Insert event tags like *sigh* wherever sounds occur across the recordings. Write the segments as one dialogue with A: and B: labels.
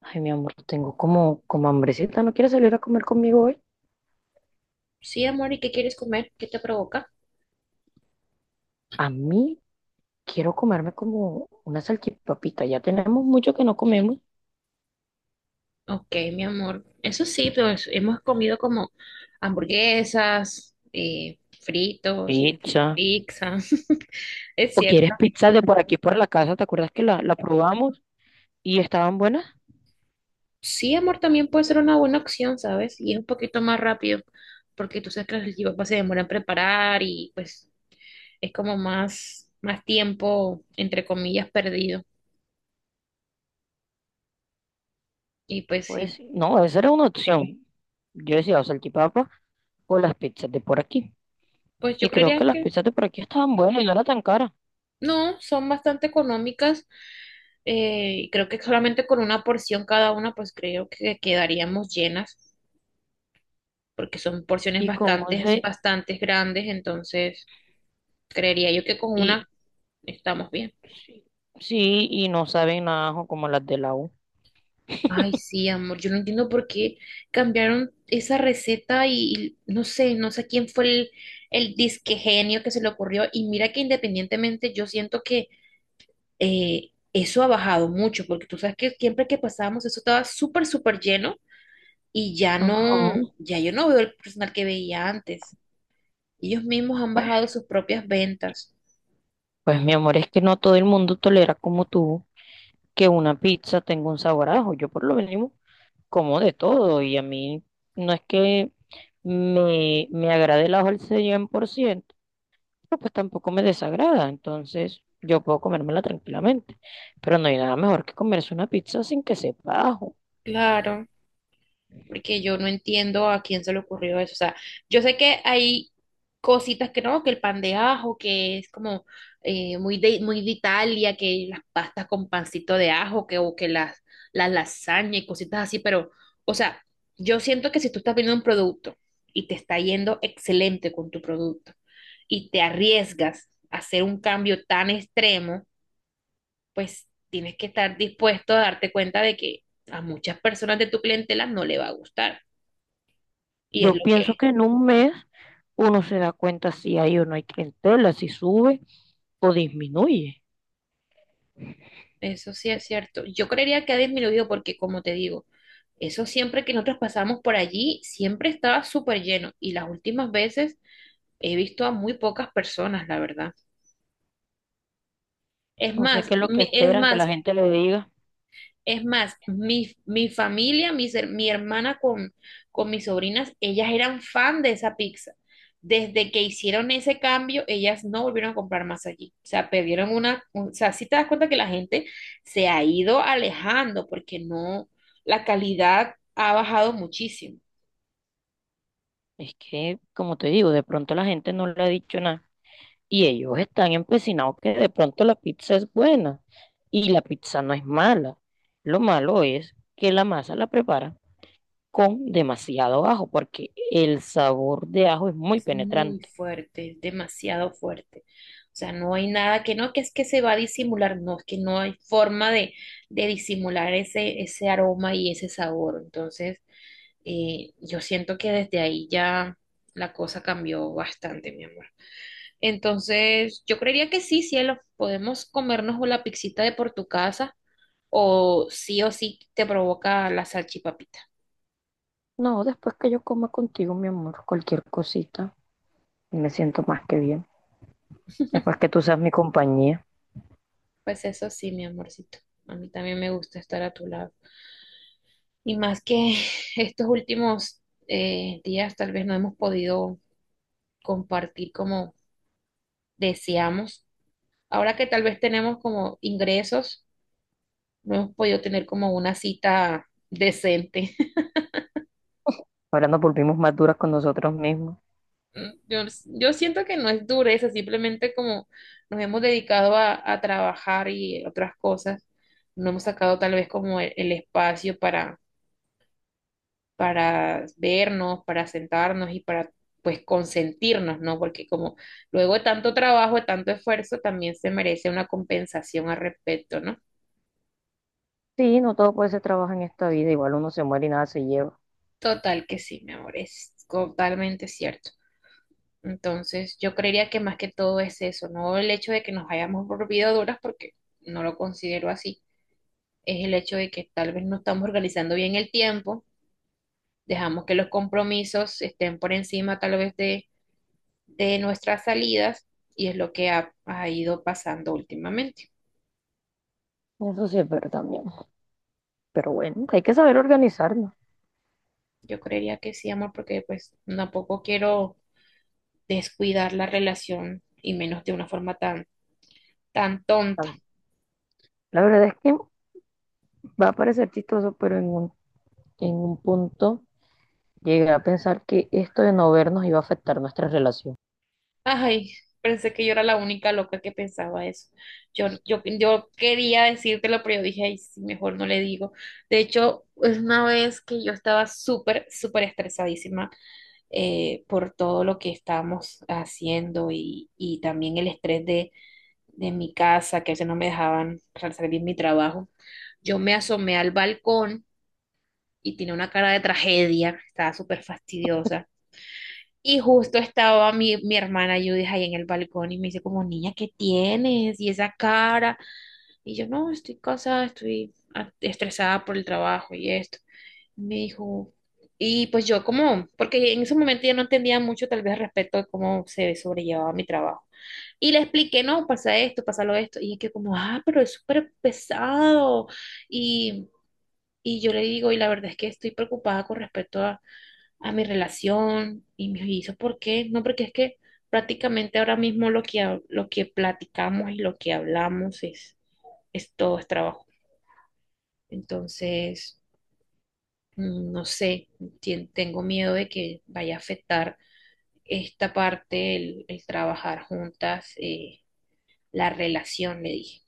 A: Ay, mi amor, tengo como hambrecita. ¿No quieres salir a comer conmigo hoy?
B: Sí, amor, ¿y qué quieres comer? ¿Qué te provoca?
A: A mí quiero comerme como una salchipapita. Ya tenemos mucho que no comemos.
B: Ok, mi amor. Eso sí, pero hemos comido como hamburguesas, fritos,
A: Pizza.
B: pizza. *laughs* Es
A: ¿O
B: cierto.
A: quieres pizza de por aquí, por la casa? ¿Te acuerdas que la probamos y estaban buenas?
B: Sí, amor, también puede ser una buena opción, ¿sabes? Y es un poquito más rápido, porque tú sabes que los chipas se demoran en preparar y pues es como más tiempo, entre comillas, perdido. Y pues sí,
A: Pues no, esa era una opción. Yo decía o salchipapa o las pizzas de por aquí.
B: pues yo
A: Y creo
B: creería
A: que las
B: que
A: pizzas de por aquí estaban buenas y no eran tan caras.
B: no, son bastante económicas. Eh, y creo que solamente con una porción cada una, pues creo que quedaríamos llenas, porque son porciones
A: Y como se...
B: bastante grandes, entonces creería yo que con
A: Y
B: una estamos bien.
A: sí, sí, y no saben nada ajo como las de la U.
B: Ay, sí, amor, yo no entiendo por qué cambiaron esa receta y no sé, no sé quién fue el disque genio que se le ocurrió. Y mira que independientemente yo siento que eso ha bajado mucho, porque tú sabes que siempre que pasábamos eso estaba súper lleno y ya no,
A: Ajá.
B: ya yo no veo el personal que veía antes. Ellos mismos han bajado sus propias ventas.
A: Pues mi amor, es que no todo el mundo tolera como tú que una pizza tenga un sabor a ajo. Yo por lo menos como de todo y a mí no es que me agrade el ajo al 100%, pero pues tampoco me desagrada. Entonces yo puedo comérmela tranquilamente. Pero no hay nada mejor que comerse una pizza sin que sepa ajo.
B: Claro. Porque yo no entiendo a quién se le ocurrió eso. O sea, yo sé que hay cositas que no, que el pan de ajo, que es como muy de Italia, que las pastas con pancito de ajo, que, o que las lasañas y cositas así, pero, o sea, yo siento que si tú estás viendo un producto y te está yendo excelente con tu producto y te arriesgas a hacer un cambio tan extremo, pues tienes que estar dispuesto a darte cuenta de que a muchas personas de tu clientela no le va a gustar. Y es lo
A: Yo pienso
B: que,
A: que en un mes uno se da cuenta si hay o no hay clientela, si sube o disminuye.
B: eso sí es cierto. Yo creería que ha disminuido porque, como te digo, eso siempre que nosotros pasamos por allí, siempre estaba súper lleno. Y las últimas veces he visto a muy pocas personas, la verdad.
A: No sé qué es lo que
B: Es
A: esperan que la
B: más,
A: gente le diga.
B: es más, mi familia, mi hermana con mis sobrinas, ellas eran fan de esa pizza. Desde que hicieron ese cambio, ellas no volvieron a comprar más allí. O sea, perdieron una, o sea, sí te das cuenta que la gente se ha ido alejando porque no, la calidad ha bajado muchísimo.
A: Es que, como te digo, de pronto la gente no le ha dicho nada y ellos están empecinados que de pronto la pizza es buena y la pizza no es mala. Lo malo es que la masa la preparan con demasiado ajo porque el sabor de ajo es muy
B: Es muy
A: penetrante.
B: fuerte, es demasiado fuerte. O sea, no hay nada que no, que es que se va a disimular, no, es que no hay forma de disimular ese, ese aroma y ese sabor. Entonces, yo siento que desde ahí ya la cosa cambió bastante, mi amor. Entonces, yo creería que sí, cielo, podemos comernos o la pixita de por tu casa o sí te provoca la salchipapita.
A: No, después que yo coma contigo, mi amor, cualquier cosita, me siento más que bien. Después que tú seas mi compañía,
B: Pues eso sí, mi amorcito. A mí también me gusta estar a tu lado. Y más que *laughs* estos últimos días tal vez no hemos podido compartir como deseamos. Ahora que tal vez tenemos como ingresos, no hemos podido tener como una cita decente. *laughs*
A: ahora nos volvimos más duras con nosotros mismos.
B: Yo siento que no es dureza, simplemente como nos hemos dedicado a trabajar y otras cosas, no hemos sacado tal vez como el espacio para vernos, para sentarnos y para pues consentirnos, ¿no? Porque como luego de tanto trabajo, de tanto esfuerzo, también se merece una compensación al respecto, ¿no?
A: Sí, no todo puede ser trabajo en esta vida, igual uno se muere y nada se lleva.
B: Total que sí, mi amor, es totalmente cierto. Entonces, yo creería que más que todo es eso, no el hecho de que nos hayamos volvido duras, porque no lo considero así, es el hecho de que tal vez no estamos organizando bien el tiempo, dejamos que los compromisos estén por encima tal vez de nuestras salidas y es lo que ha, ha ido pasando últimamente.
A: Eso sí es verdad, mi amor. Pero bueno, hay que saber organizarnos.
B: Yo creería que sí, amor, porque pues tampoco quiero descuidar la relación y menos de una forma tan, tan tonta.
A: La verdad es que va a parecer chistoso, pero en un punto llegué a pensar que esto de no vernos iba a afectar nuestra relación.
B: Ay, pensé que yo era la única loca que pensaba eso. Yo quería decírtelo, pero yo dije, ay, sí, mejor no le digo. De hecho, es una vez que yo estaba súper, súper estresadísima por todo lo que estábamos haciendo y también el estrés de mi casa, que a veces no me dejaban realizar bien mi trabajo. Yo me asomé al balcón y tenía una cara de tragedia, estaba súper fastidiosa. Y justo estaba mi hermana Judith ahí en el balcón y me dice como, niña, ¿qué tienes? Y esa cara. Y yo, no, estoy cansada, estoy estresada por el trabajo y esto. Me dijo, y pues yo como, porque en ese momento yo no entendía mucho tal vez respecto de cómo se sobrellevaba mi trabajo. Y le expliqué, no, pasa esto, pasa lo esto. Y es que como, ah, pero es súper pesado. Y, y yo le digo, y la verdad es que estoy preocupada con respecto a mi relación. Y me hizo, ¿por qué? No, porque es que prácticamente ahora mismo lo que, lo que platicamos y lo que hablamos es todo es trabajo. Entonces, no sé, tengo miedo de que vaya a afectar esta parte, el trabajar juntas, la relación, le dije.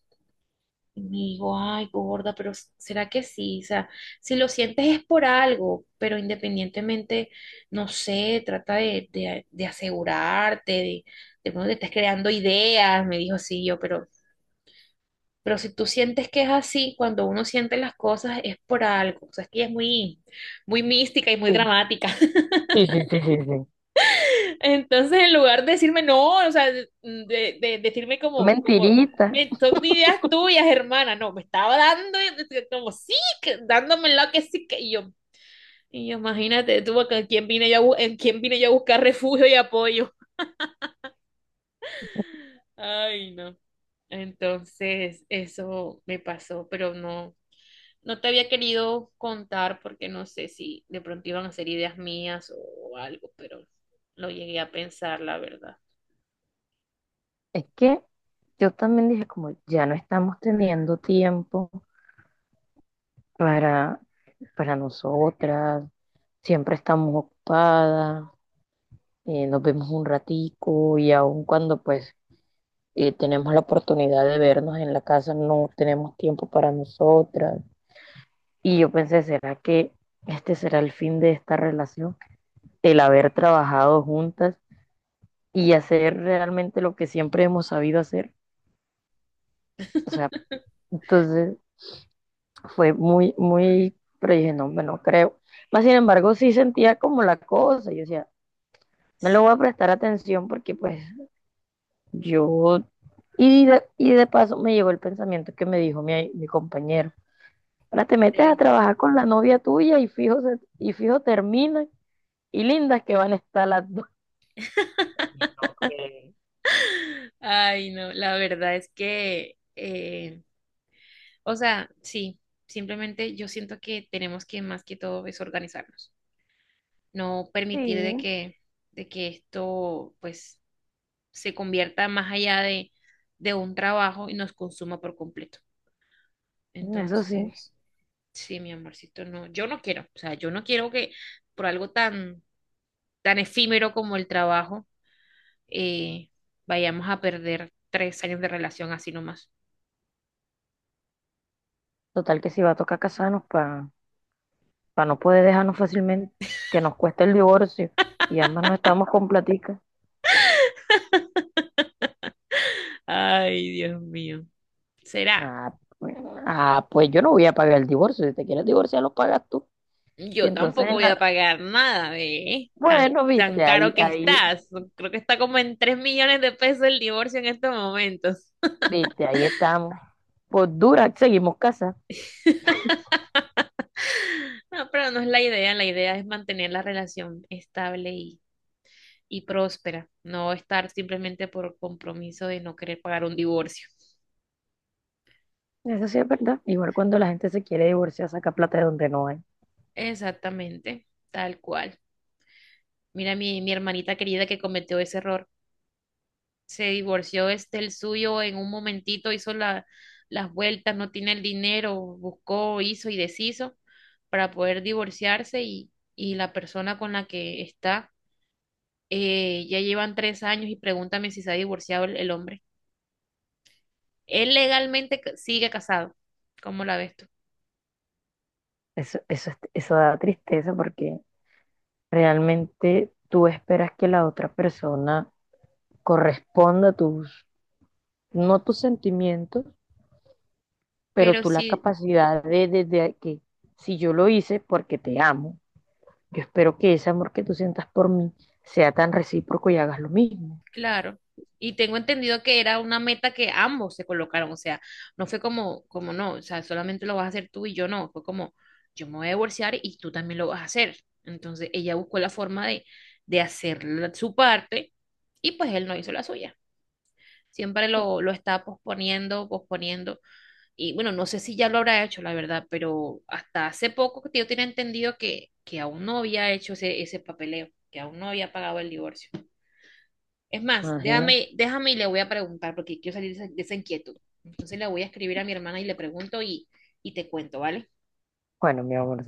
B: Y me digo, ay, gorda, pero ¿será que sí? O sea, si lo sientes es por algo, pero independientemente, no sé, trata de asegurarte, de pronto te estás creando ideas, me dijo, sí, pero si tú sientes que es así, cuando uno siente las cosas es por algo, o sea, es que ella es muy, muy mística y muy
A: Sí.
B: dramática.
A: Sí, sí, sí, sí, sí.
B: Entonces, en lugar de decirme no, o sea, de decirme como,
A: Mentirita.
B: Son ideas tuyas, hermana, no, me estaba dando, como sí, dándome lo que sí, que y yo, imagínate tú, acá, ¿en quién vine yo a, en quién vine yo a buscar refugio y apoyo? Ay, no. Entonces, eso me pasó, pero no, no te había querido contar porque no sé si de pronto iban a ser ideas mías o algo, pero lo llegué a pensar, la verdad.
A: Es que yo también dije como ya no estamos teniendo tiempo para, para nosotras, siempre estamos ocupadas, nos vemos un ratico y aun cuando pues tenemos la oportunidad de vernos en la casa, no tenemos tiempo para nosotras. Y yo pensé, ¿será que este será el fin de esta relación? El haber trabajado juntas y hacer realmente lo que siempre hemos sabido hacer. O sea,
B: *laughs*
A: entonces fue muy, muy, pero dije, no, no creo. Más sin embargo, sí sentía como la cosa. Yo decía, no le voy a prestar atención porque pues yo... Y de paso me llegó el pensamiento que me dijo mi compañero. Ahora te metes a trabajar con la novia tuya y fijo, fijo terminan y lindas que van a estar las dos. Y no que-
B: Ay, no, la verdad es que, o sea, sí, simplemente yo siento que tenemos que más que todo es organizarnos, no permitir
A: Sí,
B: de que esto pues se convierta más allá de un trabajo y nos consuma por completo.
A: eso sí.
B: Entonces, sí, mi amorcito, no, yo no quiero, o sea, yo no quiero que por algo tan, tan efímero como el trabajo, eh, vayamos a perder 3 años de relación así nomás.
A: Total que si va a tocar casarnos para no poder dejarnos fácilmente, que nos cueste el divorcio y ambas no estamos con platica.
B: Ay, Dios mío. Será.
A: Ah, pues, ah, pues yo no voy a pagar el divorcio, si te quieres divorciar lo pagas tú. Y
B: Yo
A: entonces,
B: tampoco
A: en
B: voy
A: la...
B: a pagar nada, ve, Tan,
A: bueno,
B: tan
A: viste,
B: caro que estás. Creo que está como en 3 millones de pesos el divorcio en estos momentos.
A: viste, ahí estamos. Por dura, seguimos casados.
B: *laughs* No, pero no es la idea. La idea es mantener la relación estable y próspera. No estar simplemente por compromiso de no querer pagar un divorcio.
A: Eso sí es verdad. Igual cuando la gente se quiere divorciar, saca plata de donde no hay.
B: Exactamente, tal cual. Mira mi hermanita querida que cometió ese error. Se divorció este el suyo en un momentito, hizo la, las vueltas, no tiene el dinero, buscó, hizo y deshizo para poder divorciarse y la persona con la que está ya llevan 3 años y pregúntame si se ha divorciado el hombre. Él legalmente sigue casado, ¿cómo la ves tú?
A: Eso da tristeza porque realmente tú esperas que la otra persona corresponda a tus, no tus sentimientos, pero
B: Pero
A: tú la
B: sí,
A: capacidad de, de que si yo lo hice porque te amo, yo espero que ese amor que tú sientas por mí sea tan recíproco y hagas lo mismo.
B: claro. Y tengo entendido que era una meta que ambos se colocaron, o sea, no fue como, como no, o sea, solamente lo vas a hacer tú y yo no, fue como, yo me voy a divorciar y tú también lo vas a hacer. Entonces ella buscó la forma de hacer su parte y pues él no hizo la suya. Siempre lo estaba posponiendo, posponiendo. Y bueno, no sé si ya lo habrá hecho, la verdad, pero hasta hace poco que yo tenía entendido que aún no había hecho ese, ese papeleo, que aún no había pagado el divorcio. Es más,
A: Imagino.
B: déjame, déjame y le voy a preguntar porque quiero salir de esa inquietud. Entonces le voy a escribir a mi hermana y le pregunto y te cuento, ¿vale?
A: Bueno, mi amor,